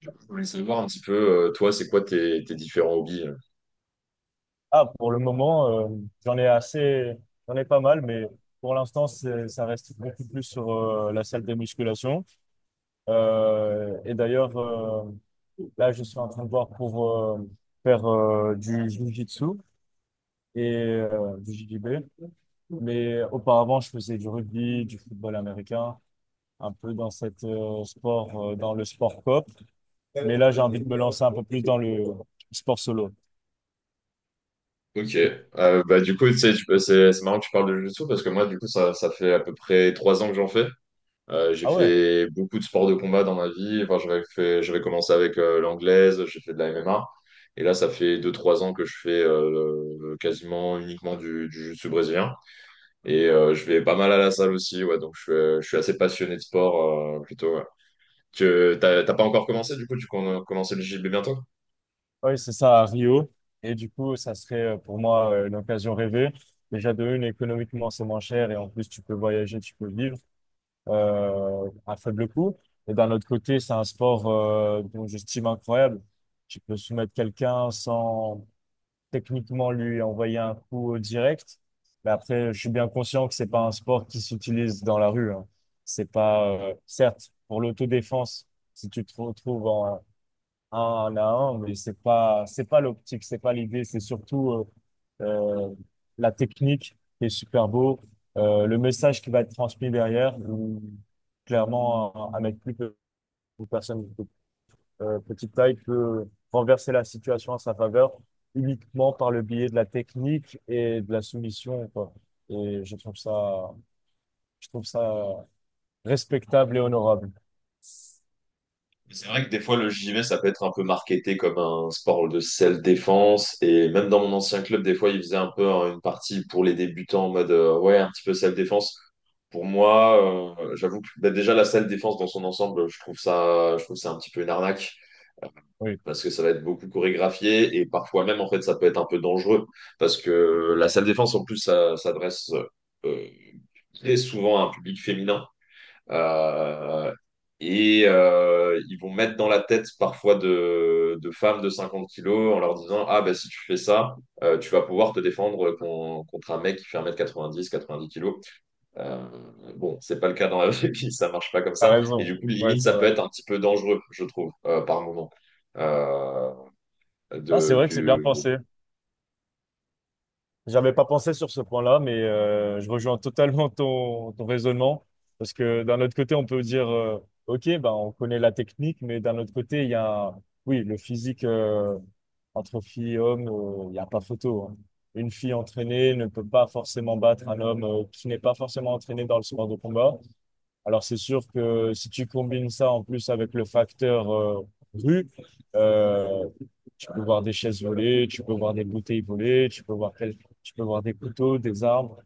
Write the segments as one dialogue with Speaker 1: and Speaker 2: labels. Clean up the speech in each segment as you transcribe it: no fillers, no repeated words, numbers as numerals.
Speaker 1: Du coup, je voulais savoir un petit peu, toi, c'est quoi tes différents hobbies?
Speaker 2: Ah, pour le moment, j'en ai assez, j'en ai pas mal, mais pour l'instant, ça reste beaucoup plus sur la salle de musculation. Et d'ailleurs, là, je suis en train de voir pour faire du jiu-jitsu et du JJB. Mais auparavant, je faisais du rugby, du football américain, un peu dans cette sport, dans le sport cop. Mais là, j'ai envie de me lancer un peu plus dans le sport solo.
Speaker 1: Ok. Du coup, tu sais, c'est marrant que tu parles de jiu-jitsu parce que moi, du coup, ça fait à peu près 3 ans que j'en fais. J'ai
Speaker 2: Ah ouais?
Speaker 1: fait beaucoup de sports de combat dans ma vie. Enfin, j'avais commencé avec l'anglaise, j'ai fait de la MMA. Et là, ça fait 2, 3 ans que je fais quasiment uniquement du jiu-jitsu brésilien. Je vais pas mal à la salle aussi. Ouais, donc, je suis assez passionné de sport plutôt. Ouais. Tu t'as T'as pas encore commencé, du coup, tu comptes commencer le JB bientôt?
Speaker 2: Oui, c'est ça, à Rio. Et du coup, ça serait pour moi l'occasion rêvée. Déjà, de une, économiquement, c'est moins cher et en plus, tu peux voyager, tu peux vivre à faible coût. Et d'un autre côté, c'est un sport dont j'estime incroyable. Tu peux soumettre quelqu'un sans techniquement lui envoyer un coup au direct. Mais après, je suis bien conscient que c'est pas un sport qui s'utilise dans la rue, hein. C'est pas, certes, pour l'autodéfense, si tu te retrouves en, un à un, mais c'est pas l'optique, c'est pas l'idée, c'est surtout euh, euh, la technique qui est super beau, le message qui va être transmis derrière, où clairement un mec une personne de petite taille peut renverser la situation à sa faveur uniquement par le biais de la technique et de la soumission, quoi. Et je trouve ça respectable et honorable.
Speaker 1: C'est vrai que des fois, le JV, ça peut être un peu marketé comme un sport de self-défense. Et même dans mon ancien club, des fois, ils faisaient un peu hein, une partie pour les débutants en mode ouais, un petit peu self-défense. Pour moi, j'avoue que bah, déjà la self-défense dans son ensemble, je trouve ça un petit peu une arnaque,
Speaker 2: Oui,
Speaker 1: parce que ça va être beaucoup chorégraphié et parfois même en fait ça peut être un peu dangereux parce que la salle défense en plus ça s'adresse euh, très souvent à un public féminin. Euh, et ils vont mettre dans la tête parfois de femmes de 50 kilos en leur disant: ah bah si tu fais ça tu vas pouvoir te défendre contre un mec qui fait 1m90 90 kilos. euh, bon, c'est pas le cas dans la vraie vie, ça marche pas comme
Speaker 2: t'as
Speaker 1: ça, et
Speaker 2: raison.
Speaker 1: du coup
Speaker 2: Ouais,
Speaker 1: limite
Speaker 2: c'est
Speaker 1: ça peut
Speaker 2: vrai.
Speaker 1: être un petit peu dangereux je trouve par moment. Euh,
Speaker 2: Ah, c'est
Speaker 1: de,
Speaker 2: vrai que c'est bien
Speaker 1: que,
Speaker 2: pensé. J'avais pas pensé sur ce point-là, mais je rejoins totalement ton raisonnement. Parce que d'un autre côté, on peut dire, OK, ben, on connaît la technique, mais d'un autre côté, il y a, oui, le physique entre filles et hommes, il n'y a pas photo, hein. Une fille entraînée ne peut pas forcément battre un homme qui n'est pas forcément entraîné dans le sport de combat. Alors c'est sûr que si tu combines ça en plus avec le facteur rue, euh, tu peux voir des chaises volées, tu peux voir des bouteilles volées, tu peux voir, tu peux voir des couteaux, des armes.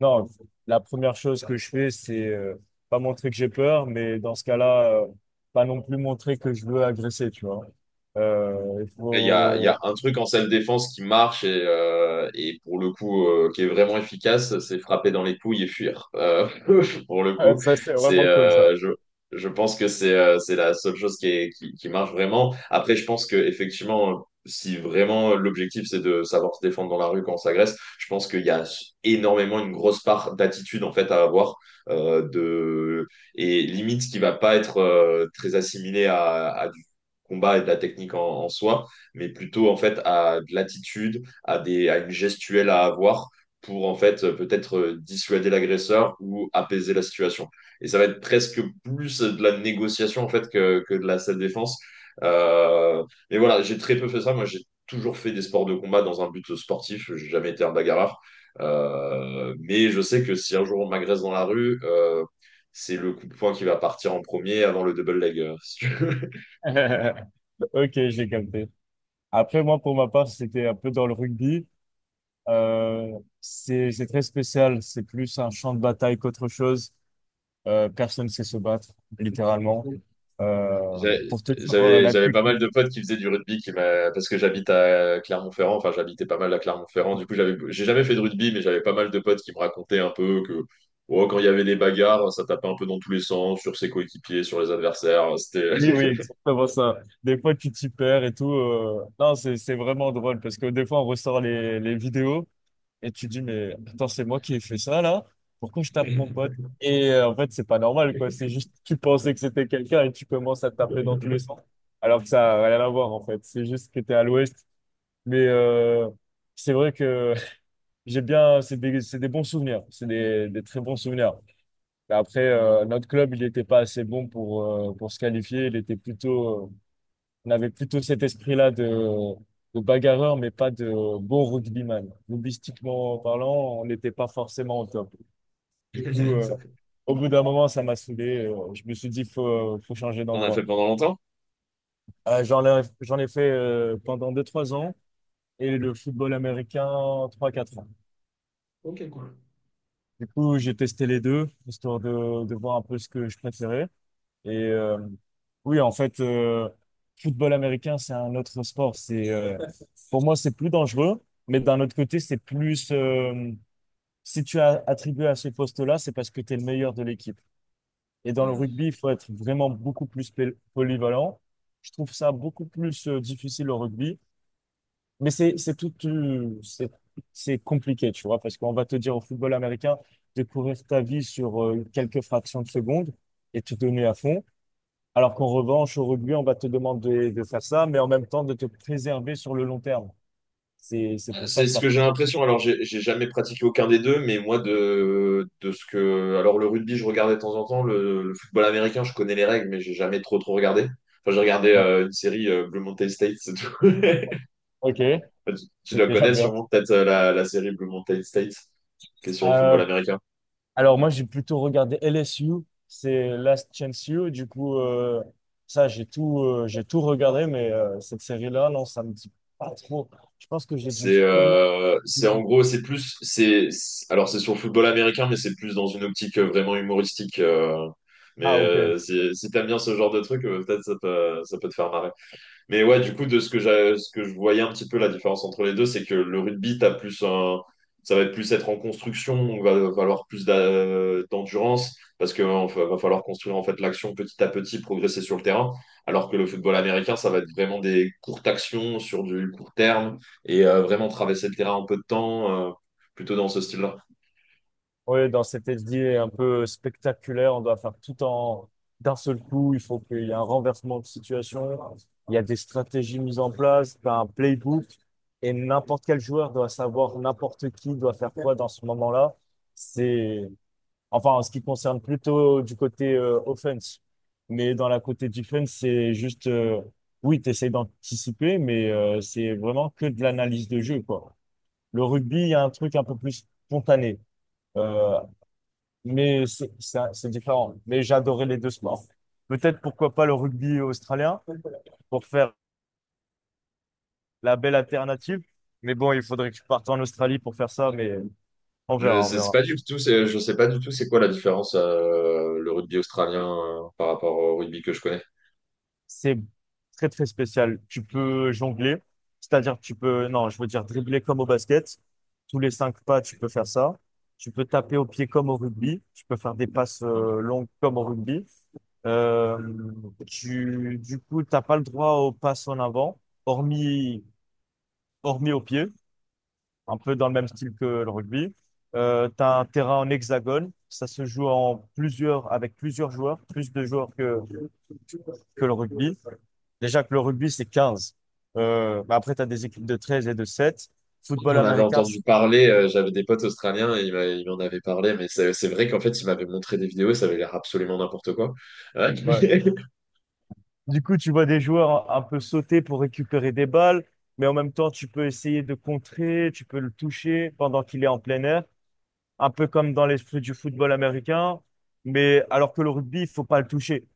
Speaker 2: Non, la première chose que je fais, c'est pas montrer que j'ai peur, mais dans ce cas-là, pas non plus montrer que je veux agresser, tu vois. Il
Speaker 1: Il y a
Speaker 2: faut...
Speaker 1: un truc en salle défense qui marche et pour le coup qui est vraiment efficace, c'est frapper dans les couilles et fuir. Pour le coup,
Speaker 2: Ça, c'est
Speaker 1: c'est
Speaker 2: vraiment cool, ça.
Speaker 1: euh, je, je pense que c'est la seule chose qui marche vraiment. Après, je pense que effectivement, si vraiment l'objectif c'est de savoir se défendre dans la rue quand on s'agresse, je pense qu'il y a énormément une grosse part d'attitude en fait à avoir de et limite qui va pas être très assimilée à du combat et de la technique en en soi, mais plutôt en fait à de l'attitude, à une gestuelle à avoir pour en fait peut-être dissuader l'agresseur ou apaiser la situation. Et ça va être presque plus de la négociation en fait que de la self-défense. Euh, mais voilà, j'ai très peu fait ça. Moi, j'ai toujours fait des sports de combat dans un but sportif. J'ai jamais été un bagarreur. Mais je sais que si un jour on m'agresse dans la rue, c'est le coup de poing qui va partir en premier avant le double leg. Si tu veux.
Speaker 2: Ok, j'ai capté. Après, moi, pour ma part, c'était un peu dans le rugby. C'est très spécial. C'est plus un champ de bataille qu'autre chose. Personne ne sait se battre, littéralement.
Speaker 1: J'a-
Speaker 2: Pour te dire la
Speaker 1: J'avais
Speaker 2: plus...
Speaker 1: pas mal de potes qui faisaient du rugby parce que j'habite à Clermont-Ferrand, enfin j'habitais pas mal à Clermont-Ferrand, du coup j'ai jamais fait de rugby, mais j'avais pas mal de potes qui me racontaient un peu que oh, quand il y avait des bagarres, ça tapait un peu dans tous les sens, sur ses coéquipiers, sur les adversaires, c'était...
Speaker 2: Oui, oui, exactement ça. Des fois, tu t'y perds et tout. Non, c'est vraiment drôle parce que des fois, on ressort les vidéos et tu dis, mais attends, c'est moi qui ai fait ça, là? Pourquoi je tape mon pote? Et en fait, c'est pas normal, quoi. C'est juste, tu pensais que c'était quelqu'un et tu commences à taper dans tous les sens. Alors que ça n'a rien à voir, en fait. C'est juste que t'es à l'ouest. Mais c'est vrai que j'ai bien, c'est des bons souvenirs, c'est des très bons souvenirs. Mais après, notre club, il n'était pas assez bon pour se qualifier. Il était plutôt, on avait plutôt cet esprit-là de bagarreur, mais pas de bon rugbyman. Rugbystiquement parlant, on n'était pas forcément au top. Du coup,
Speaker 1: Ok.
Speaker 2: au bout d'un moment, ça m'a saoulé. Je me suis dit, faut changer
Speaker 1: On a fait
Speaker 2: d'endroit.
Speaker 1: pendant longtemps?
Speaker 2: J'en ai fait pendant deux trois ans et le football américain trois quatre ans.
Speaker 1: Ok, cool.
Speaker 2: Du coup, j'ai testé les deux, histoire de voir un peu ce que je préférais. Et oui, en fait, football américain, c'est un autre sport. Pour moi, c'est plus dangereux, mais d'un autre côté, c'est plus... si tu as attribué à ce poste-là, c'est parce que tu es le meilleur de l'équipe. Et dans le
Speaker 1: Mm.
Speaker 2: rugby, il faut être vraiment beaucoup polyvalent. Je trouve ça beaucoup plus difficile au rugby. Mais c'est tout, c'est compliqué, tu vois, parce qu'on va te dire au football américain de courir ta vie sur quelques fractions de secondes et te donner à fond, alors qu'en revanche, au rugby, on va te demander de faire ça, mais en même temps de te préserver sur le long terme. C'est pour ça
Speaker 1: C'est
Speaker 2: que
Speaker 1: ce
Speaker 2: ça...
Speaker 1: que j'ai l'impression. Alors, j'ai jamais pratiqué aucun des deux, mais moi, de ce que. Alors, le rugby, je regardais de temps en temps. Le football américain, je connais les règles, mais j'ai jamais trop regardé. Enfin, j'ai regardé
Speaker 2: Ah,
Speaker 1: une série Blue Mountain State, c'est tout.
Speaker 2: ok,
Speaker 1: Enfin, Tu tu
Speaker 2: c'est
Speaker 1: dois
Speaker 2: déjà
Speaker 1: connaître
Speaker 2: bien.
Speaker 1: sûrement peut-être la série Blue Mountain State, qui est sur le football
Speaker 2: Euh,
Speaker 1: américain.
Speaker 2: Alors moi, j'ai plutôt regardé LSU, c'est Last Chance U. Du coup, ça, j'ai tout regardé, mais cette série-là, non, ça me dit pas trop. Je pense que j'ai dû sûrement...
Speaker 1: C'est en gros, c'est plus. C'est- Alors, c'est sur le football américain, mais c'est plus dans une optique vraiment humoristique. Mais
Speaker 2: Ah, ok.
Speaker 1: si, si t'aimes bien ce genre de truc, peut-être ça peut te faire marrer. Mais ouais, du coup, de ce que ce que je voyais un petit peu la différence entre les deux, c'est que le rugby, ça va être plus être en construction, on va falloir plus d'endurance, parce que va falloir construire en fait l'action petit à petit, progresser sur le terrain. Alors que le football américain, ça va être vraiment des courtes actions sur du court terme et vraiment traverser le terrain en peu de temps, plutôt dans ce style-là.
Speaker 2: Oui, dans cette SD un peu spectaculaire, on doit faire tout en d'un seul coup. Il faut qu'il y ait un renversement de situation. Il y a des stratégies mises en place, t'as un playbook, et n'importe quel joueur doit savoir n'importe qui doit faire quoi dans ce moment-là. C'est Enfin, en ce qui concerne plutôt du côté offense. Mais dans la côté defense, c'est juste, oui, tu essaies d'anticiper, mais c'est vraiment que de l'analyse de jeu, quoi. Le rugby, il y a un truc un peu plus spontané. Euh, mais c'est différent. Mais j'adorais les deux sports. Peut-être pourquoi pas le rugby australien pour faire la belle alternative. Mais bon, il faudrait que je parte en Australie pour faire ça, mais on
Speaker 1: Je
Speaker 2: verra, on
Speaker 1: sais c'est
Speaker 2: verra.
Speaker 1: pas du tout, je sais pas du tout c'est quoi la différence le rugby australien par rapport au rugby que je connais.
Speaker 2: C'est très très spécial. Tu peux jongler, c'est-à-dire que tu peux, non, je veux dire dribbler comme au basket. Tous les 5 pas, tu peux faire ça. Tu peux taper au pied comme au rugby. Tu peux faire des passes longues comme au rugby. Euh, du coup, t'as pas le droit aux passes en avant, hormis, hormis au pied, un peu dans le même style que le rugby. T'as un terrain en hexagone. Ça se joue en plusieurs, avec plusieurs joueurs, plus de joueurs que le rugby. Déjà que le rugby, c'est 15. Bah après, tu as des équipes de 13 et de 7. Football
Speaker 1: J'en avais
Speaker 2: américain,
Speaker 1: entendu parler, j'avais des potes australiens et ils m'en avaient parlé, mais c'est vrai qu'en fait, ils m'avaient montré des vidéos et ça avait l'air absolument n'importe quoi. Ouais.
Speaker 2: ouais. Du coup, tu vois des joueurs un peu sauter pour récupérer des balles, mais en même temps, tu peux essayer de contrer, tu peux le toucher pendant qu'il est en plein air, un peu comme dans l'esprit du football américain. Mais alors que le rugby, il faut pas le toucher,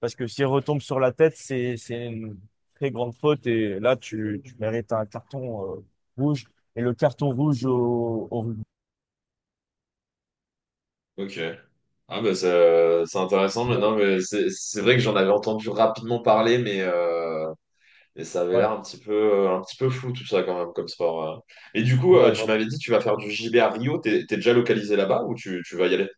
Speaker 2: parce que s'il retombe sur la tête, c'est une très grande faute, et là, tu mérites un carton rouge, et le carton rouge au rugby.
Speaker 1: Ok. C'est intéressant maintenant, mais c'est vrai que j'en avais entendu rapidement parler, mais ça avait l'air
Speaker 2: Ouais,
Speaker 1: un petit peu flou tout ça quand même comme sport. Et du coup,
Speaker 2: ouais,
Speaker 1: tu
Speaker 2: ouais.
Speaker 1: m'avais dit tu vas faire du JB à Rio, t'es t'es déjà localisé là-bas ou tu vas y aller?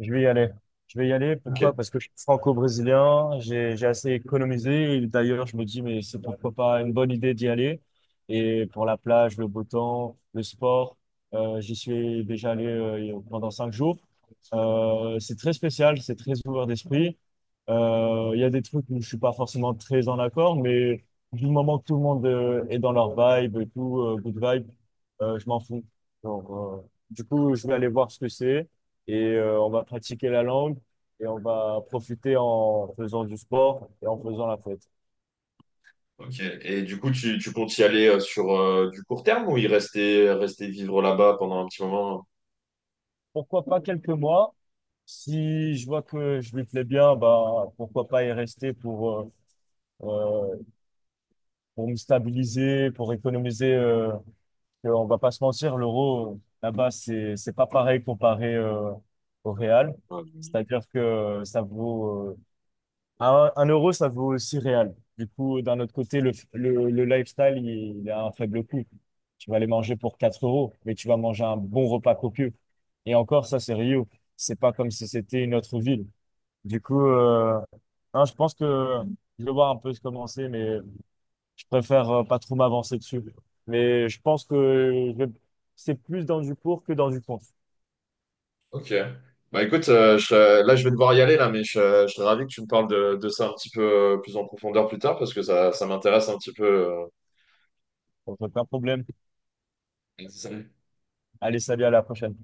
Speaker 2: Je vais y aller. Je vais y aller. Pourquoi?
Speaker 1: Ok.
Speaker 2: Parce que je suis franco-brésilien, j'ai assez économisé. Et d'ailleurs, je me dis, mais c'est pourquoi pas une bonne idée d'y aller. Et pour la plage, le beau temps, le sport, j'y suis déjà allé pendant 5 jours. C'est très spécial, c'est très ouvert d'esprit. Il y a des trucs où je suis pas forcément très en accord, mais du moment que tout le monde est dans leur vibe et tout, good vibe, je m'en fous. Donc, du coup, je vais aller voir ce que c'est et on va pratiquer la langue et on va profiter en faisant du sport et en faisant la fête.
Speaker 1: Ok. Et du coup, tu comptes y aller sur du court terme ou y rester, rester vivre là-bas pendant un petit moment?
Speaker 2: Pourquoi pas quelques mois? Si je vois que je lui plais bien, bah pourquoi pas y rester euh, pour me stabiliser, pour économiser. On va pas se mentir, l'euro là-bas c'est pas pareil comparé au réal.
Speaker 1: Ouais.
Speaker 2: C'est-à-dire que ça vaut un euro, ça vaut aussi réel. Du coup, d'un autre côté, le lifestyle, il a un faible coût. Tu vas aller manger pour 4 euros, mais tu vas manger un bon repas copieux. Et encore, ça, c'est Rio. C'est pas comme si c'était une autre ville. Du coup, non, je pense que je vais voir un peu se commencer, mais je préfère pas trop m'avancer dessus. Mais je pense que c'est plus dans du pour que dans du contre.
Speaker 1: Ok. Bah écoute, là je vais devoir y aller là, mais je serais ravi que tu me parles de ça un petit peu plus en profondeur plus tard parce que ça m'intéresse un petit peu.
Speaker 2: Donc, aucun problème.
Speaker 1: euh,
Speaker 2: Allez, salut, à la prochaine.